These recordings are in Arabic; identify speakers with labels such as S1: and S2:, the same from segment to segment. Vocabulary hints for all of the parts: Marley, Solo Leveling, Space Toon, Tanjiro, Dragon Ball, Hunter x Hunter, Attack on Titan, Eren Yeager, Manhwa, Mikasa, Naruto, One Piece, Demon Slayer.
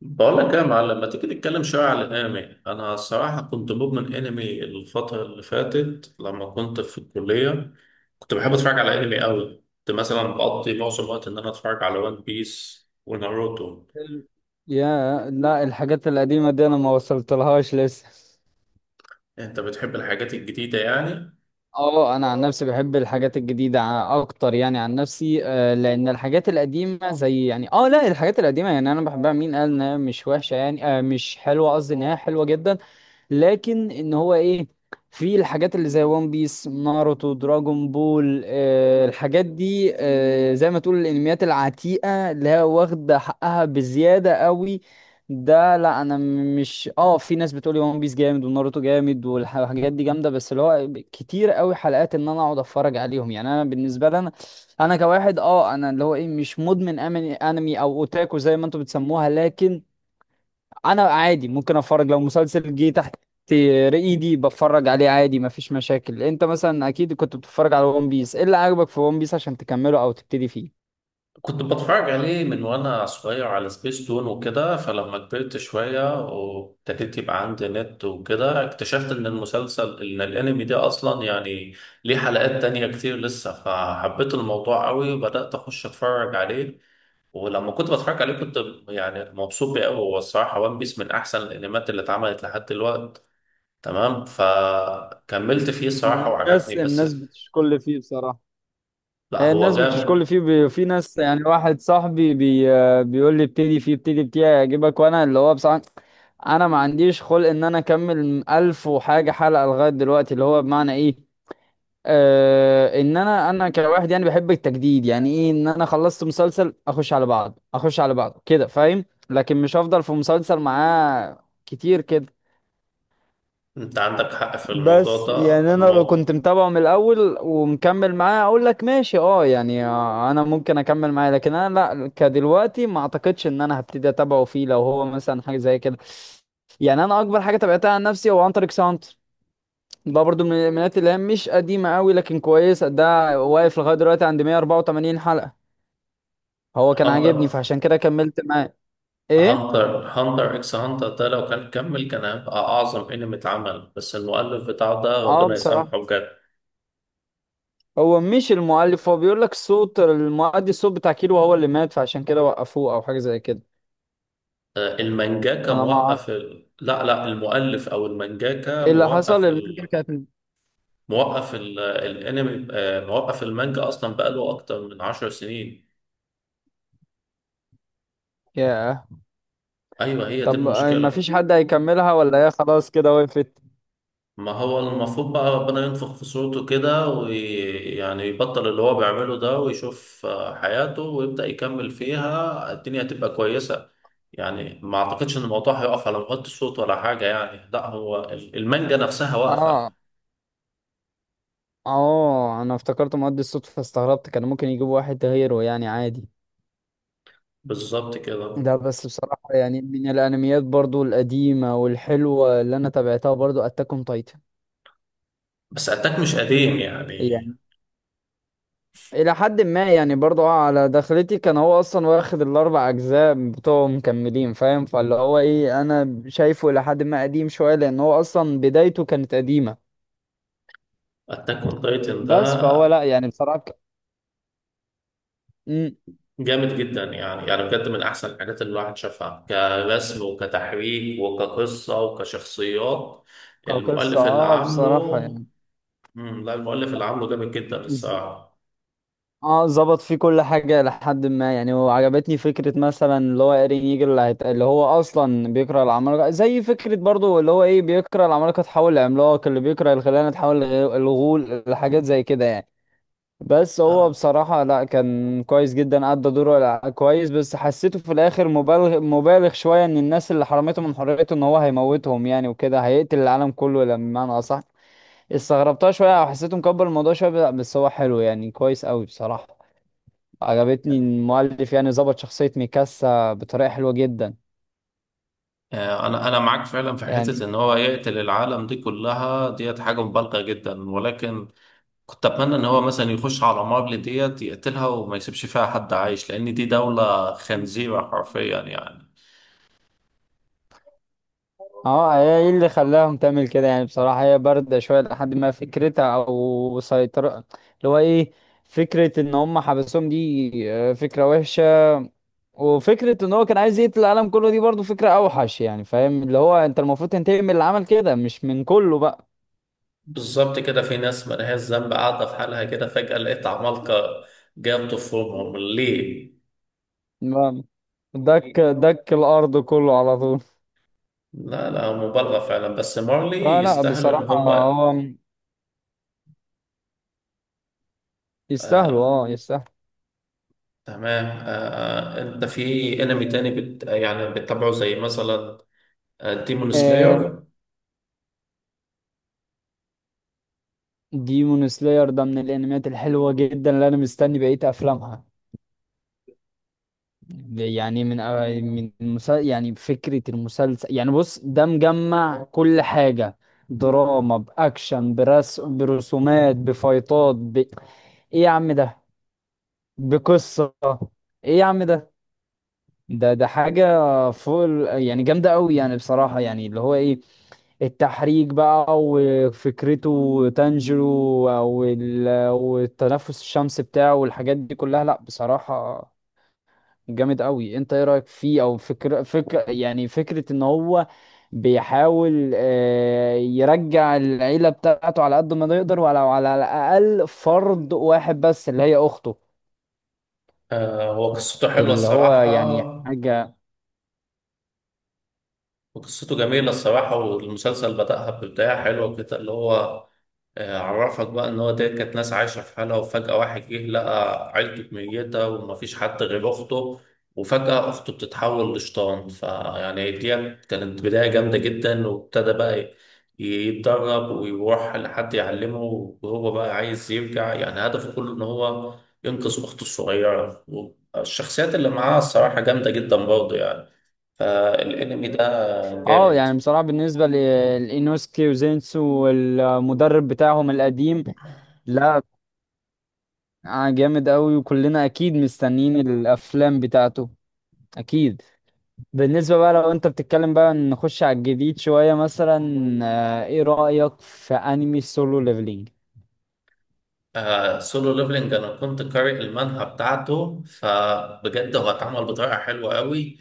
S1: بقول لك يا معلم ما تيجي نتكلم شويه على الانمي. انا الصراحه كنت مدمن انمي الفتره اللي فاتت لما كنت في الكليه. كنت بحب اتفرج على انمي قوي، كنت مثلا بقضي معظم الوقت ان انا اتفرج على وان بيس وناروتو.
S2: ال- يا لا الحاجات القديمة دي أنا ما وصلتلهاش لسه.
S1: انت بتحب الحاجات الجديده يعني؟
S2: اه، انا عن نفسي بحب الحاجات الجديده اكتر يعني عن نفسي آه، لان الحاجات القديمه زي يعني اه لا الحاجات القديمه يعني انا بحبها، مين قال انها مش وحشه؟ يعني آه مش حلوه، قصدي انها حلوه جدا. لكن ان هو ايه، في الحاجات اللي زي وان بيس، ناروتو، دراجون بول، آه الحاجات دي آه زي ما تقول الانميات العتيقة اللي هي واخدة حقها بزيادة قوي. ده لا انا مش اه، في ناس بتقولي وان بيس جامد وناروتو جامد والحاجات دي جامدة، بس اللي هو كتير قوي حلقات ان انا اقعد اتفرج عليهم. يعني انا بالنسبة لي انا كواحد اه، انا اللي هو ايه مش مدمن انمي او اوتاكو زي ما انتوا بتسموها، لكن انا عادي ممكن اتفرج لو مسلسل جه تحت ايدي بتفرج عليه عادي، مفيش مشاكل. انت مثلا اكيد كنت بتتفرج على ون بيس، ايه اللي عجبك في ون بيس عشان تكمله او تبتدي فيه؟
S1: كنت بتفرج عليه من وانا صغير على سبيس تون وكده، فلما كبرت شوية وابتديت يبقى عندي نت وكده اكتشفت ان الانمي ده اصلا يعني ليه حلقات تانية كتير لسه، فحبيت الموضوع قوي وبدأت اخش اتفرج عليه. ولما كنت بتفرج عليه كنت يعني مبسوط بيه قوي. هو الصراحة وان بيس من احسن الانميات اللي اتعملت لحد دلوقتي. تمام، فكملت فيه
S2: هو
S1: الصراحة وعجبني.
S2: الناس
S1: بس
S2: الناس بتشكل فيه بصراحة.
S1: لا هو
S2: الناس بتشكل
S1: جامد.
S2: فيه في ناس يعني واحد صاحبي بيقول لي ابتدي فيه ابتدي فيه هيعجبك، وانا اللي هو بصراحة انا ما عنديش خلق ان انا اكمل الف وحاجة حلقة لغاية دلوقتي، اللي هو بمعنى ايه آه ان انا كواحد يعني بحب التجديد، يعني ايه ان انا خلصت مسلسل اخش على بعض اخش على بعض كده، فاهم؟ لكن مش هفضل في مسلسل معاه كتير كده.
S1: انت عندك حق في الموضوع
S2: بس يعني
S1: ده.
S2: انا لو كنت
S1: الموضوع
S2: متابعه من الاول ومكمل معاه اقول لك ماشي اه يعني آه، انا ممكن اكمل معاه، لكن انا لا كدلوقتي ما اعتقدش ان انا هبتدي اتابعه فيه لو هو مثلا حاجه زي كده. يعني انا اكبر حاجه تابعتها عن نفسي هو عنتر اكس، ده برضو من الانميات اللي هي مش قديمة قوي لكن كويس. ده واقف لغاية دلوقتي عند 184 حلقة. هو كان عاجبني
S1: هانتر
S2: فعشان كده كملت معاه. ايه.
S1: هانتر اكس هانتر ده لو كان كمل كان هيبقى أعظم أنمي اتعمل، بس المؤلف بتاعه ده
S2: اه
S1: ربنا
S2: بصراحة
S1: يسامحه بجد.
S2: هو مش المؤلف، هو بيقول لك صوت المؤدي الصوت بتاع كيلو هو اللي مات فعشان كده وقفوه او حاجة زي كده.
S1: المانجاكا
S2: انا ما اعرف
S1: موقف ال... لا المؤلف أو المانجاكا
S2: ايه اللي حصل،
S1: موقف
S2: المانجا
S1: ال...
S2: كانت.
S1: موقف ال... الأنمي. موقف المانجا أصلا بقاله أكتر من 10 سنين.
S2: ياه.
S1: أيوه هي دي
S2: طب آه، ما
S1: المشكلة.
S2: فيش حد هيكملها ولا هي خلاص كده وقفت؟
S1: ما هو المفروض بقى ربنا ينفخ في صورته كده ويعني يبطل اللي هو بيعمله ده ويشوف حياته ويبدأ يكمل فيها، الدنيا هتبقى كويسة. يعني ما أعتقدش إن الموضوع هيقف على مغطي الصوت ولا حاجة يعني، لا هو المانجا نفسها واقفة.
S2: اه اه، انا افتكرت مؤدي الصوت فاستغربت، كان ممكن يجيبوا واحد غيره يعني عادي.
S1: بالظبط كده.
S2: ده بس بصراحة يعني من الأنميات برضو القديمة والحلوة اللي أنا تابعتها برضو أتاك أون تايتن.
S1: بس أتاك مش قديم يعني.
S2: يعني إلى حد ما يعني برضو آه، على دخلتي كان هو أصلا واخد الأربع أجزاء بتوعه مكملين، فاهم؟ فاللي هو إيه أنا شايفه إلى حد ما قديم شوية لأن هو أصلا بدايته كانت قديمة.
S1: أتاك أون تايتن ده
S2: بس فهو لأ يعني بصراحة مم،
S1: جامد جدا يعني، يعني بجد من احسن الحاجات اللي الواحد شافها كرسم وكتحريك وكقصه وكشخصيات.
S2: كقصة
S1: المؤلف اللي
S2: أه
S1: عامله
S2: بصراحة
S1: لا المؤلف اللي عامله جامد جدا
S2: يعني
S1: الصراحه.
S2: اه ظبط فيه كل حاجة لحد ما، يعني وعجبتني فكرة مثلا اللي هو ايرين ييجر اللي, اللي هو أصلا بيكره العمالقة زي فكرة برضو اللي هو ايه بيكره العمالقة تحول لعملاق، اللي بيكره الخيانة تحول لغول، الحاجات زي كده يعني. بس هو
S1: آه،
S2: بصراحة لا كان كويس جدا أدى دوره كويس، بس حسيته في الآخر مبالغ مبالغ شوية إن الناس اللي حرمته من حريته إن هو هيموتهم يعني وكده هيقتل العالم كله لما بمعنى أصح. استغربتها شوية وحسيته مكبر الموضوع شوية، بس هو حلو يعني كويس أوي بصراحة. عجبتني إن المؤلف يعني ظبط شخصية ميكاسا بطريقة حلوة جدا.
S1: انا معاك فعلا في
S2: يعني
S1: حته ان هو يقتل العالم دي كلها، ديت حاجه مبالغه جدا، ولكن كنت اتمنى ان هو مثلا يخش على مارل ديت يقتلها وما يسيبش فيها حد عايش، لان دي دوله خنزيره حرفيا يعني.
S2: اه هي ايه اللي خلاهم تعمل كده يعني؟ بصراحة هي باردة شوية لحد ما فكرتها او سيطرة اللي هو ايه، فكرة ان هم حبسوهم دي آه، فكرة وحشة، وفكرة ان هو كان عايز يقتل العالم كله دي برضو فكرة اوحش يعني، فاهم؟ اللي هو انت المفروض تنتقم من اللي عمل كده مش من كله بقى.
S1: بالظبط كده، في ناس ملهاش ذنب قاعدة في حالها كده فجأة لقيت عمالقة. جاب طفلهم ليه؟
S2: ما- دك دك الارض كله على طول.
S1: لا لا مبالغة فعلا، بس مارلي
S2: فلا
S1: يستاهلوا إن
S2: بصراحة
S1: هم.
S2: هو يستاهلوا
S1: آه
S2: اه يستاهلوا.
S1: تمام. آه أنت في أنمي تاني بت يعني بتتابعه زي مثلا ديمون
S2: آه،
S1: سلاير؟
S2: ديمون سلاير ده من الانميات الحلوه جدا اللي انا مستني بقيه افلامها. يعني من آه، من يعني فكره المسلسل يعني بص ده مجمع كل حاجه، دراما، باكشن، برسومات، بفايتات، ايه يا عم ده، بقصه، ايه يا عم ده، ده ده حاجه يعني جامده قوي يعني بصراحه يعني اللي هو ايه التحريك بقى وفكرته تانجيرو والتنفس الشمس بتاعه والحاجات دي كلها، لا بصراحة جامد قوي. انت ايه رأيك فيه؟ او فكرة فكرة يعني فكرة ان هو بيحاول آه، يرجع العيلة بتاعته على قد ما يقدر ولو على الأقل فرد واحد بس اللي هي أخته.
S1: آه هو قصته حلوة
S2: اللي هو يعني
S1: الصراحة،
S2: حاجة
S1: وقصته جميلة الصراحة، والمسلسل بدأها ببداية حلوة كده، اللي هو عرفك بقى ان هو ديت كانت ناس عايشه في حالها وفجاه واحد جه لقى عيلته ميته ومفيش حد غير اخته، وفجاه اخته بتتحول لشيطان. فيعني ديت كانت بدايه جامده جدا، وابتدى بقى يتدرب ويروح لحد يعلمه. وهو بقى عايز يرجع، يعني هدفه كله ان هو ينقذ اخته الصغيره. والشخصيات اللي معاه الصراحه جامده جدا برضه يعني. فالانمي ده
S2: اه
S1: جامد.
S2: يعني بصراحة بالنسبة لإينوسكي وزينسو والمدرب بتاعهم القديم، لا آه جامد قوي، وكلنا اكيد مستنيين الافلام بتاعته. اكيد. بالنسبة بقى لو انت بتتكلم بقى نخش على الجديد شوية، مثلا آه ايه رأيك في انمي سولو ليفلينج؟
S1: آه سولو ليفلنج انا كنت قارئ المانهوا بتاعته، فبجد هو اتعمل بطريقه حلوه قوي،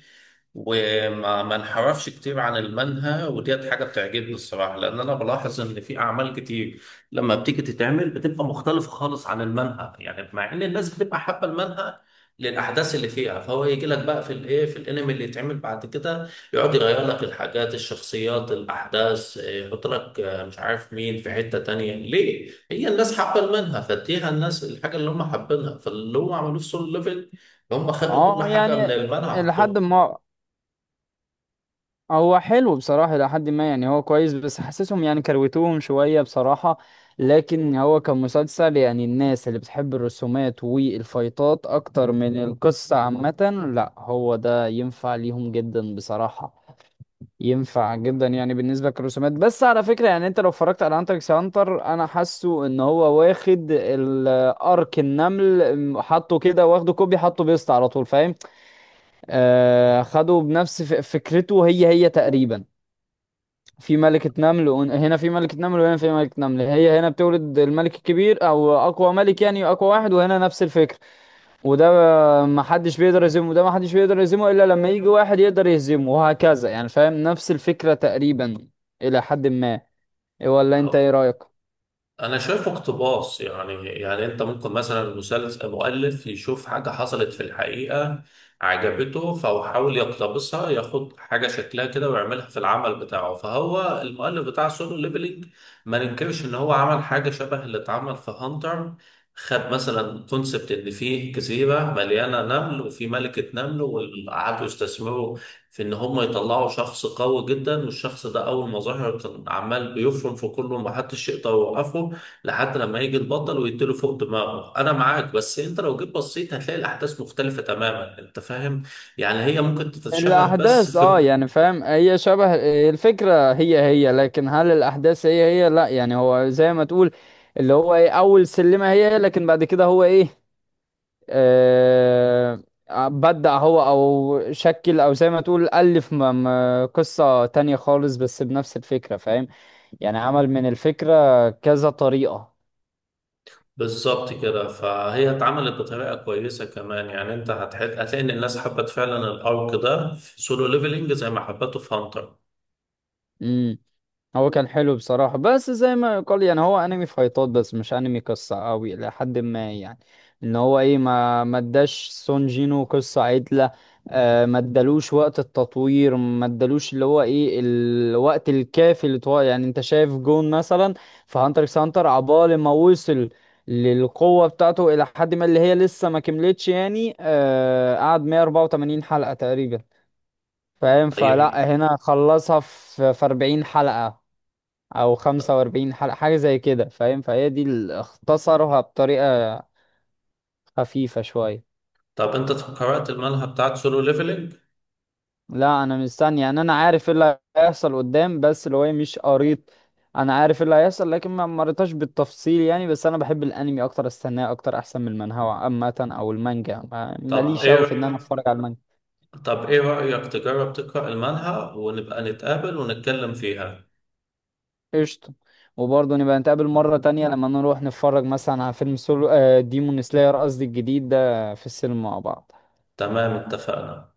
S1: وما ما انحرفش كتير عن المنهى، وديت حاجة بتعجبني الصراحة، لأن أنا بلاحظ إن في أعمال كتير لما بتيجي تتعمل بتبقى مختلفة خالص عن المنهى، يعني مع إن الناس بتبقى حابة المنهى للأحداث اللي فيها. فهو يجي لك بقى في الإيه في الأنمي اللي يتعمل بعد كده يقعد يغير لك الحاجات، الشخصيات، الأحداث، إيه، يحط لك مش عارف مين في حتة تانية، ليه؟ هي الناس حابة المنهى فاديها الناس الحاجة اللي هم حابينها. فاللي هم عملوه في سول ليفل هم خدوا كل
S2: اه
S1: حاجة من
S2: يعني
S1: المنهى
S2: لحد
S1: حطوها.
S2: ما هو حلو بصراحة، لحد ما يعني هو كويس بس حاسسهم يعني كروتوهم شوية بصراحة. لكن هو كمسلسل يعني الناس اللي بتحب الرسومات والفايتات اكتر من القصة عامة، لا هو ده ينفع ليهم جدا بصراحة، ينفع جدا يعني بالنسبه للرسومات. بس على فكره يعني انت لو اتفرجت على هانتر اكس هانتر انا حاسه ان هو واخد الارك النمل حطه كده واخده كوبي حطه بيست على طول، فاهم؟ آه خده بنفس فكرته هي هي تقريبا. في ملكة نمل هنا في ملكة نمل وهنا في ملكة نمل، هي هنا بتولد الملك الكبير او اقوى ملك يعني اقوى واحد، وهنا نفس الفكرة. وده ما حدش بيقدر يهزمه، وده ما حدش بيقدر يهزمه الا لما يجي واحد يقدر يهزمه، وهكذا يعني، فاهم؟ نفس الفكرة تقريبا الى حد ما، ولا انت ايه
S1: أهو.
S2: رأيك؟
S1: انا شايفه اقتباس يعني، يعني انت ممكن مثلا المسلسل المؤلف يشوف حاجه حصلت في الحقيقه عجبته فهو حاول يقتبسها، ياخد حاجه شكلها كده ويعملها في العمل بتاعه. فهو المؤلف بتاع سولو ليفلينج ما ننكرش ان هو عمل حاجه شبه اللي اتعمل في هانتر. خد مثلا كونسبت ان فيه جزيره مليانه نمل وفي ملكه نمل وقعدوا يستثمروا في ان هم يطلعوا شخص قوي جدا، والشخص ده اول ما ظهر كان عمال بيفرم في كله ومحدش يقدر يوقفه لحد لما يجي البطل ويديله فوق دماغه. انا معاك، بس انت لو جيت بصيت هتلاقي الاحداث مختلفة تماما، انت فاهم. يعني هي ممكن تتشابه بس
S2: الاحداث اه
S1: في
S2: يعني فاهم هي شبه، الفكرة هي هي لكن هل الاحداث هي هي؟ لا يعني هو زي ما تقول اللي هو ايه اول سلمة هي هي، لكن بعد كده هو ايه آه بدأ هو او شكل او زي ما تقول ألف قصة تانية خالص بس بنفس الفكرة، فاهم؟ يعني عمل من الفكرة كذا طريقة.
S1: بالظبط كده. فهي اتعملت بطريقة كويسة كمان، يعني انت هتحل... هتلاقي ان الناس حبت فعلا الارك ده في سولو ليفلنج زي ما حبته في هانتر.
S2: امم. هو كان حلو بصراحة بس زي ما يقال، يعني هو انمي فايتات بس مش انمي قصة قوي الى حد ما، يعني ان هو ايه ما اداش سون جينو قصة عدلة، آه ما ادالوش وقت التطوير، ما ادالوش اللي هو ايه الوقت الكافي اللي طوال، يعني انت شايف جون مثلا في هانتر اكس هانتر عبال ما وصل للقوة بتاعته الى حد ما اللي هي لسه ما كملتش يعني آه قعد 184 حلقة تقريبا، فاهم؟
S1: طيب.
S2: فلا هنا خلصها في 40 حلقة او 45 حلقة حاجة زي كده، فاهم؟ فهي دي اللي اختصرها بطريقة خفيفة شوية.
S1: طب انت قرأت المانهوا بتاعت سولو ليفلنج؟
S2: لا انا مستني، يعني انا عارف ايه اللي هيحصل قدام بس اللي هو إيه مش قريت، انا عارف إيه اللي هيحصل لكن ما مريتش بالتفصيل يعني. بس انا بحب الانمي اكتر، استناه اكتر احسن من المانهوا عامة او المانجا،
S1: طب
S2: ماليش قوي في ان انا
S1: ايه،
S2: اتفرج على المانجا.
S1: طب ايه رأيك تجرب تقرأ المانهوا ونبقى نتقابل ونتكلم فيها؟
S2: قشطة. وبرضه نبقى نتقابل مرة تانية لما نروح نتفرج مثلا على فيلم سولو آه ديمون سلاير قصدي الجديد ده في السينما مع بعض.
S1: تمام اتفقنا.